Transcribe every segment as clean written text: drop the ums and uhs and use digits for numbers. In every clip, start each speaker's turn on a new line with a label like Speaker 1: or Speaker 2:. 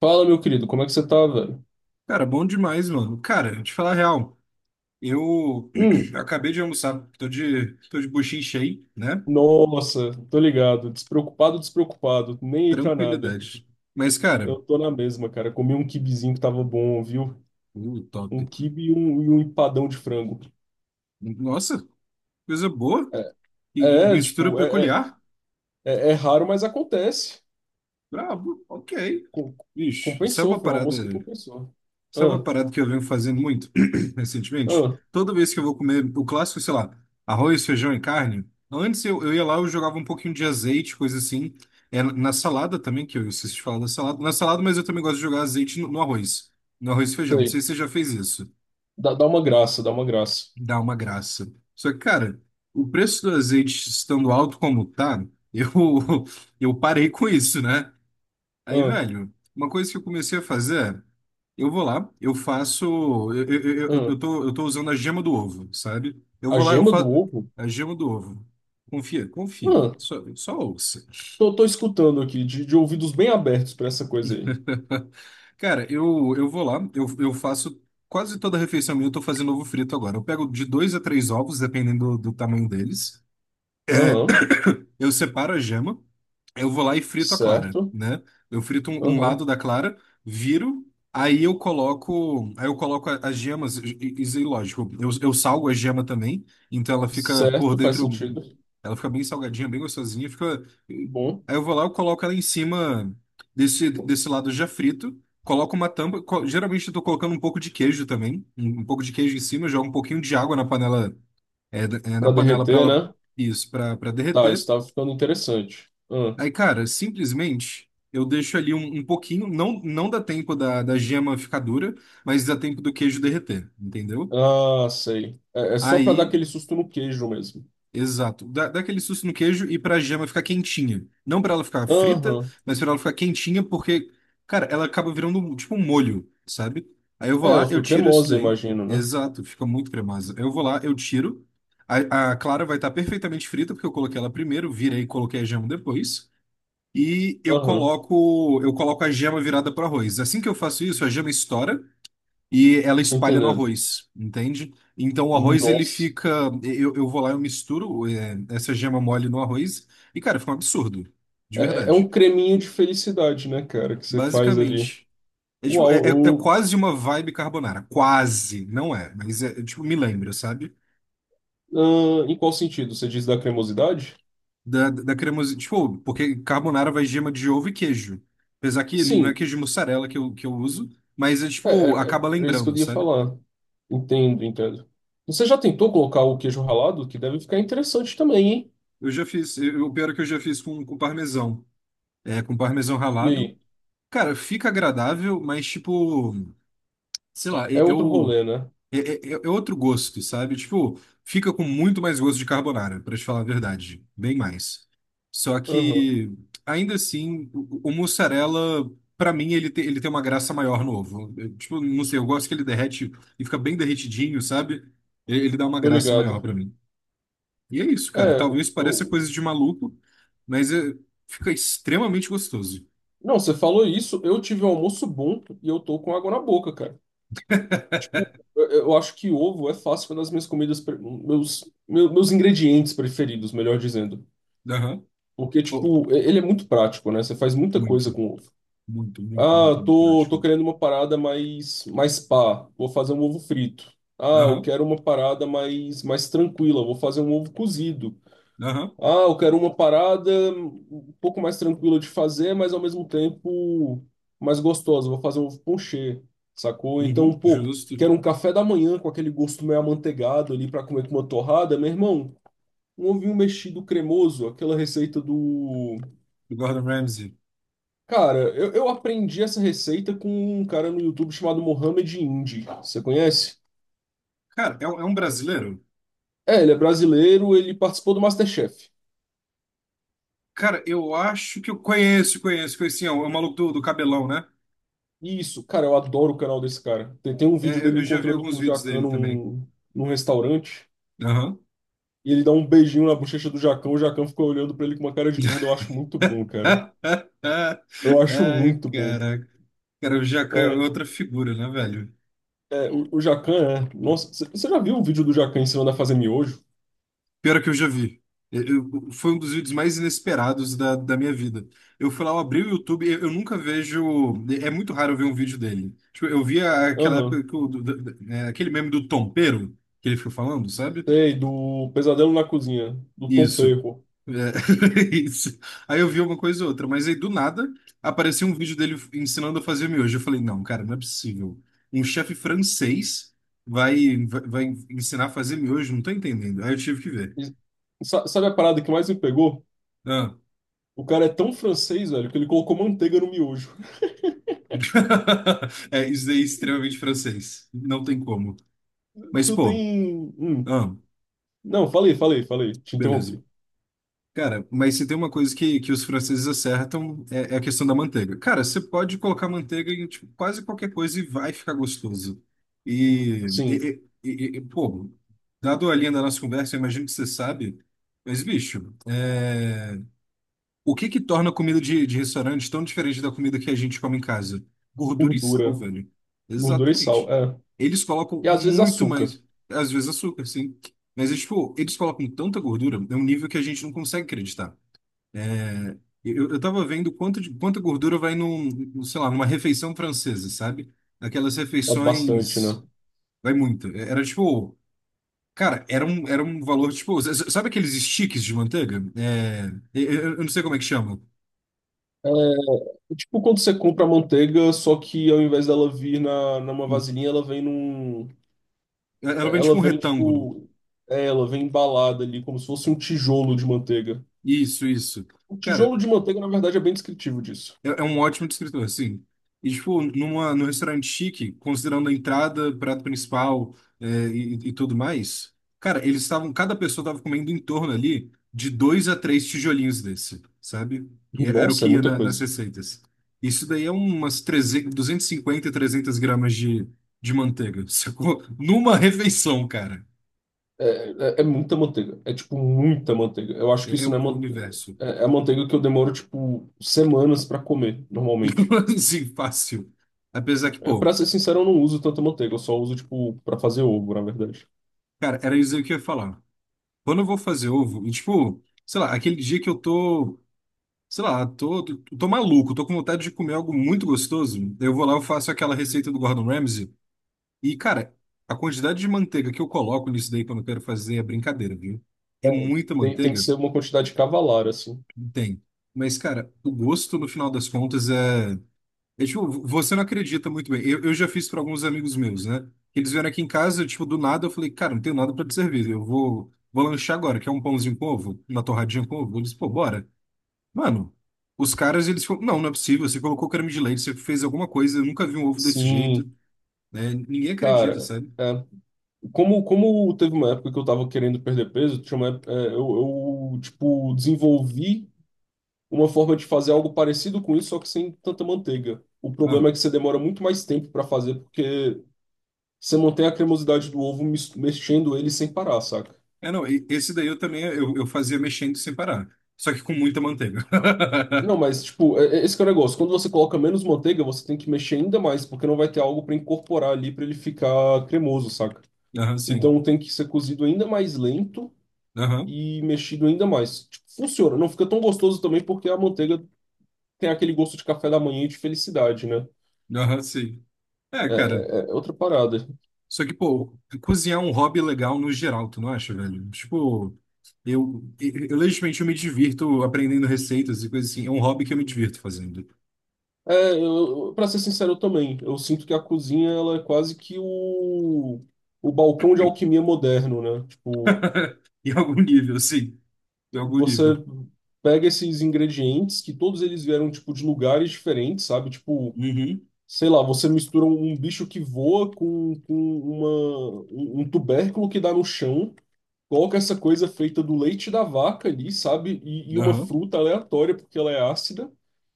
Speaker 1: Fala, meu querido, como é que você tá, velho?
Speaker 2: Cara, bom demais, mano. Cara, te falar a real, eu
Speaker 1: Hum.
Speaker 2: acabei de almoçar, tô de buchinho cheio, né?
Speaker 1: Nossa, tô ligado. Despreocupado, despreocupado. Nem aí pra nada.
Speaker 2: Tranquilidade. Mas,
Speaker 1: Eu
Speaker 2: cara,
Speaker 1: tô na mesma, cara. Comi um kibizinho que tava bom, viu?
Speaker 2: top.
Speaker 1: Um quibe e um empadão de frango.
Speaker 2: Nossa, coisa boa e
Speaker 1: É, é,
Speaker 2: mistura
Speaker 1: tipo, é,
Speaker 2: peculiar.
Speaker 1: é, é é raro, mas acontece.
Speaker 2: Brabo, ok.
Speaker 1: Com-
Speaker 2: Bicho, isso é
Speaker 1: Compensou,
Speaker 2: uma
Speaker 1: foi um
Speaker 2: parada.
Speaker 1: almoço que compensou.
Speaker 2: Sabe uma
Speaker 1: Ah,
Speaker 2: parada que eu venho fazendo muito recentemente?
Speaker 1: ah,
Speaker 2: Toda vez que eu vou comer o clássico, sei lá, arroz, feijão e carne, antes eu ia lá, eu jogava um pouquinho de azeite, coisa assim. É, na salada também, que eu esqueci de falar da salada. Na salada, mas eu também gosto de jogar azeite no arroz. No arroz e feijão. Não
Speaker 1: sei.
Speaker 2: sei se você já fez isso.
Speaker 1: Dá uma graça, dá uma graça.
Speaker 2: Dá uma graça. Só que, cara, o preço do azeite estando alto como tá, eu, eu parei com isso, né? Aí,
Speaker 1: Ah,
Speaker 2: velho, uma coisa que eu comecei a fazer, eu vou lá, eu faço. Eu, eu, eu, eu
Speaker 1: ah.
Speaker 2: tô, eu tô usando a gema do ovo, sabe? Eu
Speaker 1: A
Speaker 2: vou lá, eu
Speaker 1: gema do
Speaker 2: faço.
Speaker 1: ovo?
Speaker 2: A gema do ovo. Confia, confia.
Speaker 1: Ah,
Speaker 2: Só, só ouça.
Speaker 1: tô, tô escutando aqui, de ouvidos bem abertos pra essa coisa aí.
Speaker 2: Cara, eu vou lá, eu faço quase toda a refeição minha, eu tô fazendo ovo frito agora. Eu pego de dois a três ovos, dependendo do tamanho deles.
Speaker 1: Aham,
Speaker 2: Eu separo a gema. Eu vou lá e frito a clara,
Speaker 1: certo.
Speaker 2: né? Eu frito um
Speaker 1: Aham.
Speaker 2: lado da clara, viro, aí eu coloco as gemas, isso é lógico. Eu salgo a gema também, então ela fica por
Speaker 1: Certo, faz
Speaker 2: dentro,
Speaker 1: sentido.
Speaker 2: ela fica bem salgadinha, bem gostosinha, fica.
Speaker 1: Bom.
Speaker 2: Aí eu vou lá, eu coloco ela em cima desse lado já frito, coloco uma tampa, geralmente eu tô colocando um pouco de queijo também, um pouco de queijo em cima, jogo um pouquinho de água na panela, na
Speaker 1: Pra
Speaker 2: panela para
Speaker 1: derreter,
Speaker 2: ela,
Speaker 1: né?
Speaker 2: isso, para
Speaker 1: Tá, isso
Speaker 2: derreter.
Speaker 1: tá ficando interessante.
Speaker 2: Aí, cara, simplesmente eu deixo ali um pouquinho, não, não dá tempo da gema ficar dura, mas dá tempo do queijo derreter, entendeu?
Speaker 1: Ah, ah, sei. É, é só pra dar
Speaker 2: Aí,
Speaker 1: aquele susto no queijo mesmo.
Speaker 2: exato, dá aquele susto no queijo e pra gema ficar quentinha. Não pra ela ficar frita,
Speaker 1: Aham.
Speaker 2: mas pra ela ficar quentinha, porque, cara, ela acaba virando tipo um molho, sabe? Aí eu vou
Speaker 1: É,
Speaker 2: lá,
Speaker 1: ela
Speaker 2: eu
Speaker 1: foi
Speaker 2: tiro isso
Speaker 1: cremosa,
Speaker 2: daí.
Speaker 1: imagino, né?
Speaker 2: Exato, fica muito cremosa. Eu vou lá, eu tiro. A clara vai estar perfeitamente frita, porque eu coloquei ela primeiro, virei e coloquei a gema depois. e eu
Speaker 1: Aham,
Speaker 2: coloco eu coloco a gema virada para o arroz. Assim que eu faço isso, a gema estoura e ela
Speaker 1: tô
Speaker 2: espalha no
Speaker 1: entendendo.
Speaker 2: arroz, entende? Então o arroz ele
Speaker 1: Nossa.
Speaker 2: fica, eu vou lá eu misturo essa gema mole no arroz e, cara, fica um absurdo, de
Speaker 1: É, é é um
Speaker 2: verdade.
Speaker 1: creminho de felicidade, né, cara, que você faz ali.
Speaker 2: Basicamente. É, tipo,
Speaker 1: Uau,
Speaker 2: é
Speaker 1: eu...
Speaker 2: quase uma vibe carbonara, quase, não é, mas tipo, me lembra, sabe?
Speaker 1: ah, em qual sentido? Você diz da cremosidade?
Speaker 2: Da cremosinha. Tipo, porque carbonara vai gema de ovo e queijo. Apesar que não é
Speaker 1: Sim.
Speaker 2: queijo de mussarela que eu uso, mas é
Speaker 1: É,
Speaker 2: tipo,
Speaker 1: é, é
Speaker 2: acaba
Speaker 1: é isso que
Speaker 2: lembrando,
Speaker 1: eu ia
Speaker 2: sabe?
Speaker 1: falar. Entendo, entendo. Você já tentou colocar o queijo ralado? Que deve ficar interessante também, hein?
Speaker 2: Eu já fiz. O pior é que eu já fiz com parmesão. É, com parmesão
Speaker 1: E
Speaker 2: ralado.
Speaker 1: aí?
Speaker 2: Cara, fica agradável, mas tipo, sei lá,
Speaker 1: É outro
Speaker 2: eu.
Speaker 1: rolê, né?
Speaker 2: É, é outro gosto, sabe? Tipo, fica com muito mais gosto de carbonara, pra te falar a verdade. Bem mais. Só
Speaker 1: Aham,
Speaker 2: que, ainda assim, o mussarela, pra mim, ele tem uma graça maior no ovo. Eu, tipo, não sei, eu gosto que ele derrete e fica bem derretidinho, sabe? Ele dá uma
Speaker 1: tô
Speaker 2: graça maior
Speaker 1: ligado.
Speaker 2: pra mim. E é isso, cara.
Speaker 1: É, eu,
Speaker 2: Talvez pareça
Speaker 1: eu-
Speaker 2: coisa de maluco, mas é- fica extremamente gostoso.
Speaker 1: Não, você falou isso, eu tive um almoço bom e eu tô com água na boca, cara. Tipo, eu acho que ovo é fácil, é uma das minhas comidas, meus ingredientes preferidos, melhor dizendo.
Speaker 2: Aham.
Speaker 1: Porque,
Speaker 2: Oh,
Speaker 1: tipo, ele é muito prático, né? Você faz muita coisa
Speaker 2: muito,
Speaker 1: com ovo.
Speaker 2: muito, muito,
Speaker 1: Ah,
Speaker 2: muito,
Speaker 1: eu
Speaker 2: muito
Speaker 1: tô, tô
Speaker 2: prático.
Speaker 1: querendo uma parada mais, mais pá. Vou fazer um ovo frito. Ah, eu
Speaker 2: Aham,
Speaker 1: quero uma parada mais, mais tranquila. Vou fazer um ovo cozido.
Speaker 2: aham.
Speaker 1: Ah, eu quero uma parada um pouco mais tranquila de fazer, mas ao mesmo tempo mais gostosa. Vou fazer um ovo ponchê, sacou? Então,
Speaker 2: Uhum,
Speaker 1: pô,
Speaker 2: justo.
Speaker 1: quero um café da manhã com aquele gosto meio amanteigado ali pra comer com uma torrada. Meu irmão, um ovinho mexido cremoso, aquela receita do...
Speaker 2: Do Gordon Ramsay.
Speaker 1: Cara, eu aprendi essa receita com um cara no YouTube chamado Mohamed Indy. Você conhece?
Speaker 2: Cara, é, é um brasileiro?
Speaker 1: É, ele é brasileiro, ele participou do MasterChef.
Speaker 2: Cara, eu acho que eu conheço, conheço, conheço. É o é o maluco do cabelão, né?
Speaker 1: Isso, cara, eu adoro o canal desse cara. Tem, tem um
Speaker 2: É,
Speaker 1: vídeo
Speaker 2: eu
Speaker 1: dele
Speaker 2: eu já vi
Speaker 1: encontrando com
Speaker 2: alguns
Speaker 1: o
Speaker 2: vídeos
Speaker 1: Jacan
Speaker 2: dele também.
Speaker 1: num restaurante.
Speaker 2: Aham.
Speaker 1: E ele dá um beijinho na bochecha do Jacan, o Jacan ficou olhando pra ele com uma cara de bunda. Eu acho muito bom, cara. Eu acho
Speaker 2: Ai,
Speaker 1: muito bom.
Speaker 2: caraca. Cara, o Jacan é
Speaker 1: É,
Speaker 2: outra figura, né, velho?
Speaker 1: o Jacan é... Nossa, você já viu o vídeo do Jacan ensinando a fazer miojo?
Speaker 2: Pior que eu já vi. Foi um dos vídeos mais inesperados da minha vida. Eu fui lá, eu abri o YouTube, eu nunca vejo. É muito raro eu ver um vídeo dele. Tipo, eu via aquela época
Speaker 1: Aham.
Speaker 2: que o- do- do- né, aquele meme do Tompeiro que ele ficou falando, sabe?
Speaker 1: Sei, do Pesadelo na Cozinha, do Tom
Speaker 2: Isso.
Speaker 1: Perro.
Speaker 2: É, isso. Aí eu vi uma coisa ou outra, mas aí do nada apareceu um vídeo dele ensinando a fazer miojo. Eu falei, não, cara, não é possível. Um chefe francês vai ensinar a fazer miojo? Não tô entendendo. Aí eu tive que ver.
Speaker 1: Sabe a parada que mais me pegou?
Speaker 2: Ah.
Speaker 1: O cara é tão francês, velho, que ele colocou manteiga no miojo.
Speaker 2: É, isso daí é extremamente francês. Não tem como. Mas,
Speaker 1: Tu
Speaker 2: pô,
Speaker 1: tem. Hum.
Speaker 2: ah,
Speaker 1: Não, falei, falei, falei. Te
Speaker 2: beleza.
Speaker 1: interrompi.
Speaker 2: Cara, mas se tem uma coisa que os franceses acertam é a questão da manteiga. Cara, você pode colocar manteiga em tipo, quase qualquer coisa e vai ficar gostoso.
Speaker 1: Sim,
Speaker 2: Pô, dado a linha da nossa conversa, eu imagino que você sabe, mas bicho, é, o que que torna a comida de restaurante tão diferente da comida que a gente come em casa? Gordura e sal,
Speaker 1: gordura.
Speaker 2: velho.
Speaker 1: Gordura e sal,
Speaker 2: Exatamente.
Speaker 1: é.
Speaker 2: Eles colocam
Speaker 1: E às vezes
Speaker 2: muito
Speaker 1: açúcar.
Speaker 2: mais, às vezes açúcar, sim. Mas, é, tipo, eles colocam tanta gordura, é um nível que a gente não consegue acreditar. É, eu tava vendo quanta gordura vai num, sei lá, numa refeição francesa, sabe? Aquelas
Speaker 1: É bastante,
Speaker 2: refeições.
Speaker 1: né?
Speaker 2: Vai muito. É, era tipo. Cara, era um valor tipo. Sabe aqueles sticks de manteiga? É, eu não sei como é que chama.
Speaker 1: É tipo quando você compra manteiga, só que ao invés dela vir numa
Speaker 2: No-
Speaker 1: vasilhinha, ela vem num...
Speaker 2: É, ela
Speaker 1: É,
Speaker 2: vem tipo
Speaker 1: ela
Speaker 2: um
Speaker 1: vem,
Speaker 2: retângulo.
Speaker 1: tipo... É, ela vem embalada ali, como se fosse um tijolo de manteiga.
Speaker 2: Isso, isso.
Speaker 1: O
Speaker 2: Cara,
Speaker 1: tijolo de manteiga, na verdade, é bem descritivo disso.
Speaker 2: É um ótimo descritor, assim. E, tipo, num restaurante chique, considerando a entrada, prato principal, e, tudo mais, cara, eles estavam, cada pessoa estava comendo em torno ali de dois a três tijolinhos desse, sabe? E é, era o
Speaker 1: Nossa, é
Speaker 2: que ia
Speaker 1: muita
Speaker 2: nas
Speaker 1: coisa.
Speaker 2: receitas. Isso daí é umas 300, 250, 300 gramas de manteiga, sacou? Numa refeição, cara.
Speaker 1: É, é muita manteiga. É, tipo, muita manteiga. Eu acho
Speaker 2: É,
Speaker 1: que
Speaker 2: é,
Speaker 1: isso não é,
Speaker 2: o é o
Speaker 1: man...
Speaker 2: universo.
Speaker 1: é, é manteiga que eu demoro, tipo, semanas pra comer, normalmente.
Speaker 2: Assim, fácil. Apesar que,
Speaker 1: É, pra
Speaker 2: pô,
Speaker 1: ser sincero, eu não uso tanta manteiga. Eu só uso, tipo, pra fazer ovo, na verdade.
Speaker 2: cara, era isso aí que eu ia falar. Quando eu vou fazer ovo, e, tipo, sei lá, aquele dia que eu tô, sei lá, tô maluco, tô com vontade de comer algo muito gostoso, eu vou lá, eu faço aquela receita do Gordon Ramsay, e, cara, a quantidade de manteiga que eu coloco nisso daí quando eu quero fazer é brincadeira, viu?
Speaker 1: É,
Speaker 2: É muita
Speaker 1: tem, tem que
Speaker 2: manteiga?
Speaker 1: ser uma quantidade cavalar, assim.
Speaker 2: Tem. Mas, cara, o gosto, no final das contas, é. É, tipo, você não acredita muito bem. Eu já fiz para alguns amigos meus, né? Eles vieram aqui em casa, tipo, do nada, eu falei, cara, não tenho nada para te servir. Eu vou lanchar agora, quer um pãozinho com ovo? Uma torradinha com ovo? Eles, pô, bora. Mano, os caras, eles falaram, não, não é possível, você colocou creme de leite, você fez alguma coisa, eu nunca vi um ovo desse jeito,
Speaker 1: Sim,
Speaker 2: né? Ninguém acredita,
Speaker 1: cara,
Speaker 2: sabe?
Speaker 1: é. Como, como teve uma época que eu tava querendo perder peso, tinha uma época- é, tipo, desenvolvi uma forma de fazer algo parecido com isso, só que sem tanta manteiga. O
Speaker 2: Ah,
Speaker 1: problema é que você demora muito mais tempo pra fazer, porque... Você mantém a cremosidade do ovo mexendo ele sem parar, saca?
Speaker 2: é, não, esse daí eu também, eu fazia mexendo sem parar, só que com muita manteiga.
Speaker 1: Não, mas, tipo, esse que é o negócio. Quando você coloca menos manteiga, você tem que mexer ainda mais, porque não vai ter algo para incorporar ali para ele ficar cremoso, saca?
Speaker 2: Aham, sim.
Speaker 1: Então tem que ser cozido ainda mais lento
Speaker 2: Aham,
Speaker 1: e mexido ainda mais. Tipo, funciona. Não fica tão gostoso também porque a manteiga tem aquele gosto de café da manhã e de felicidade, né?
Speaker 2: aham, sim. É, cara.
Speaker 1: É é outra parada.
Speaker 2: Só que, pô, cozinhar é um hobby legal no geral, tu não acha, velho? Tipo, eu legitimamente eu me divirto aprendendo receitas e coisas assim. É um hobby que eu me divirto fazendo.
Speaker 1: É, pra ser sincero, eu também. Eu sinto que a cozinha, ela é quase que o balcão de alquimia moderno, né? Tipo,
Speaker 2: Em algum nível, sim. Em algum
Speaker 1: você
Speaker 2: nível.
Speaker 1: pega esses ingredientes que todos eles vieram tipo de lugares diferentes, sabe? Tipo,
Speaker 2: Uhum.
Speaker 1: sei lá, você mistura um bicho que voa com uma, um um tubérculo que dá no chão, coloca essa coisa feita do leite da vaca ali, sabe? E uma
Speaker 2: Aham.
Speaker 1: fruta aleatória porque ela é ácida.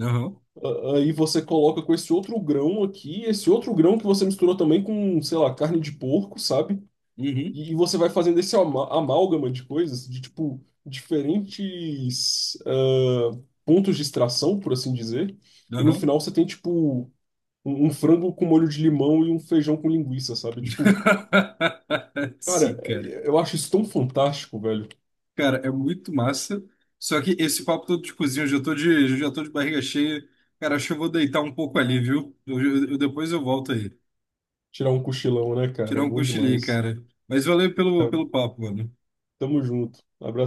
Speaker 2: Aham.
Speaker 1: Aí você coloca com esse outro grão aqui, esse outro grão que você misturou também com, sei lá, carne de porco, sabe?
Speaker 2: Uhum.
Speaker 1: E você vai fazendo esse amálgama de coisas, de tipo, diferentes ah, pontos de extração, por assim dizer. E no
Speaker 2: Aham.
Speaker 1: final você tem, tipo, um frango com molho de limão e um feijão com linguiça, sabe? Tipo, cara,
Speaker 2: Sim, cara.
Speaker 1: eu acho isso tão fantástico, velho.
Speaker 2: Cara, é muito massa. Só que esse papo todo de cozinha, eu já tô de barriga cheia. Cara, acho que eu vou deitar um pouco ali, viu? Depois eu volto aí.
Speaker 1: Tirar um cochilão, né, cara?
Speaker 2: Tirar
Speaker 1: É
Speaker 2: um
Speaker 1: bom
Speaker 2: cochilinho,
Speaker 1: demais.
Speaker 2: cara. Mas valeu
Speaker 1: Tá,
Speaker 2: pelo papo, mano.
Speaker 1: tamo junto. Abraço.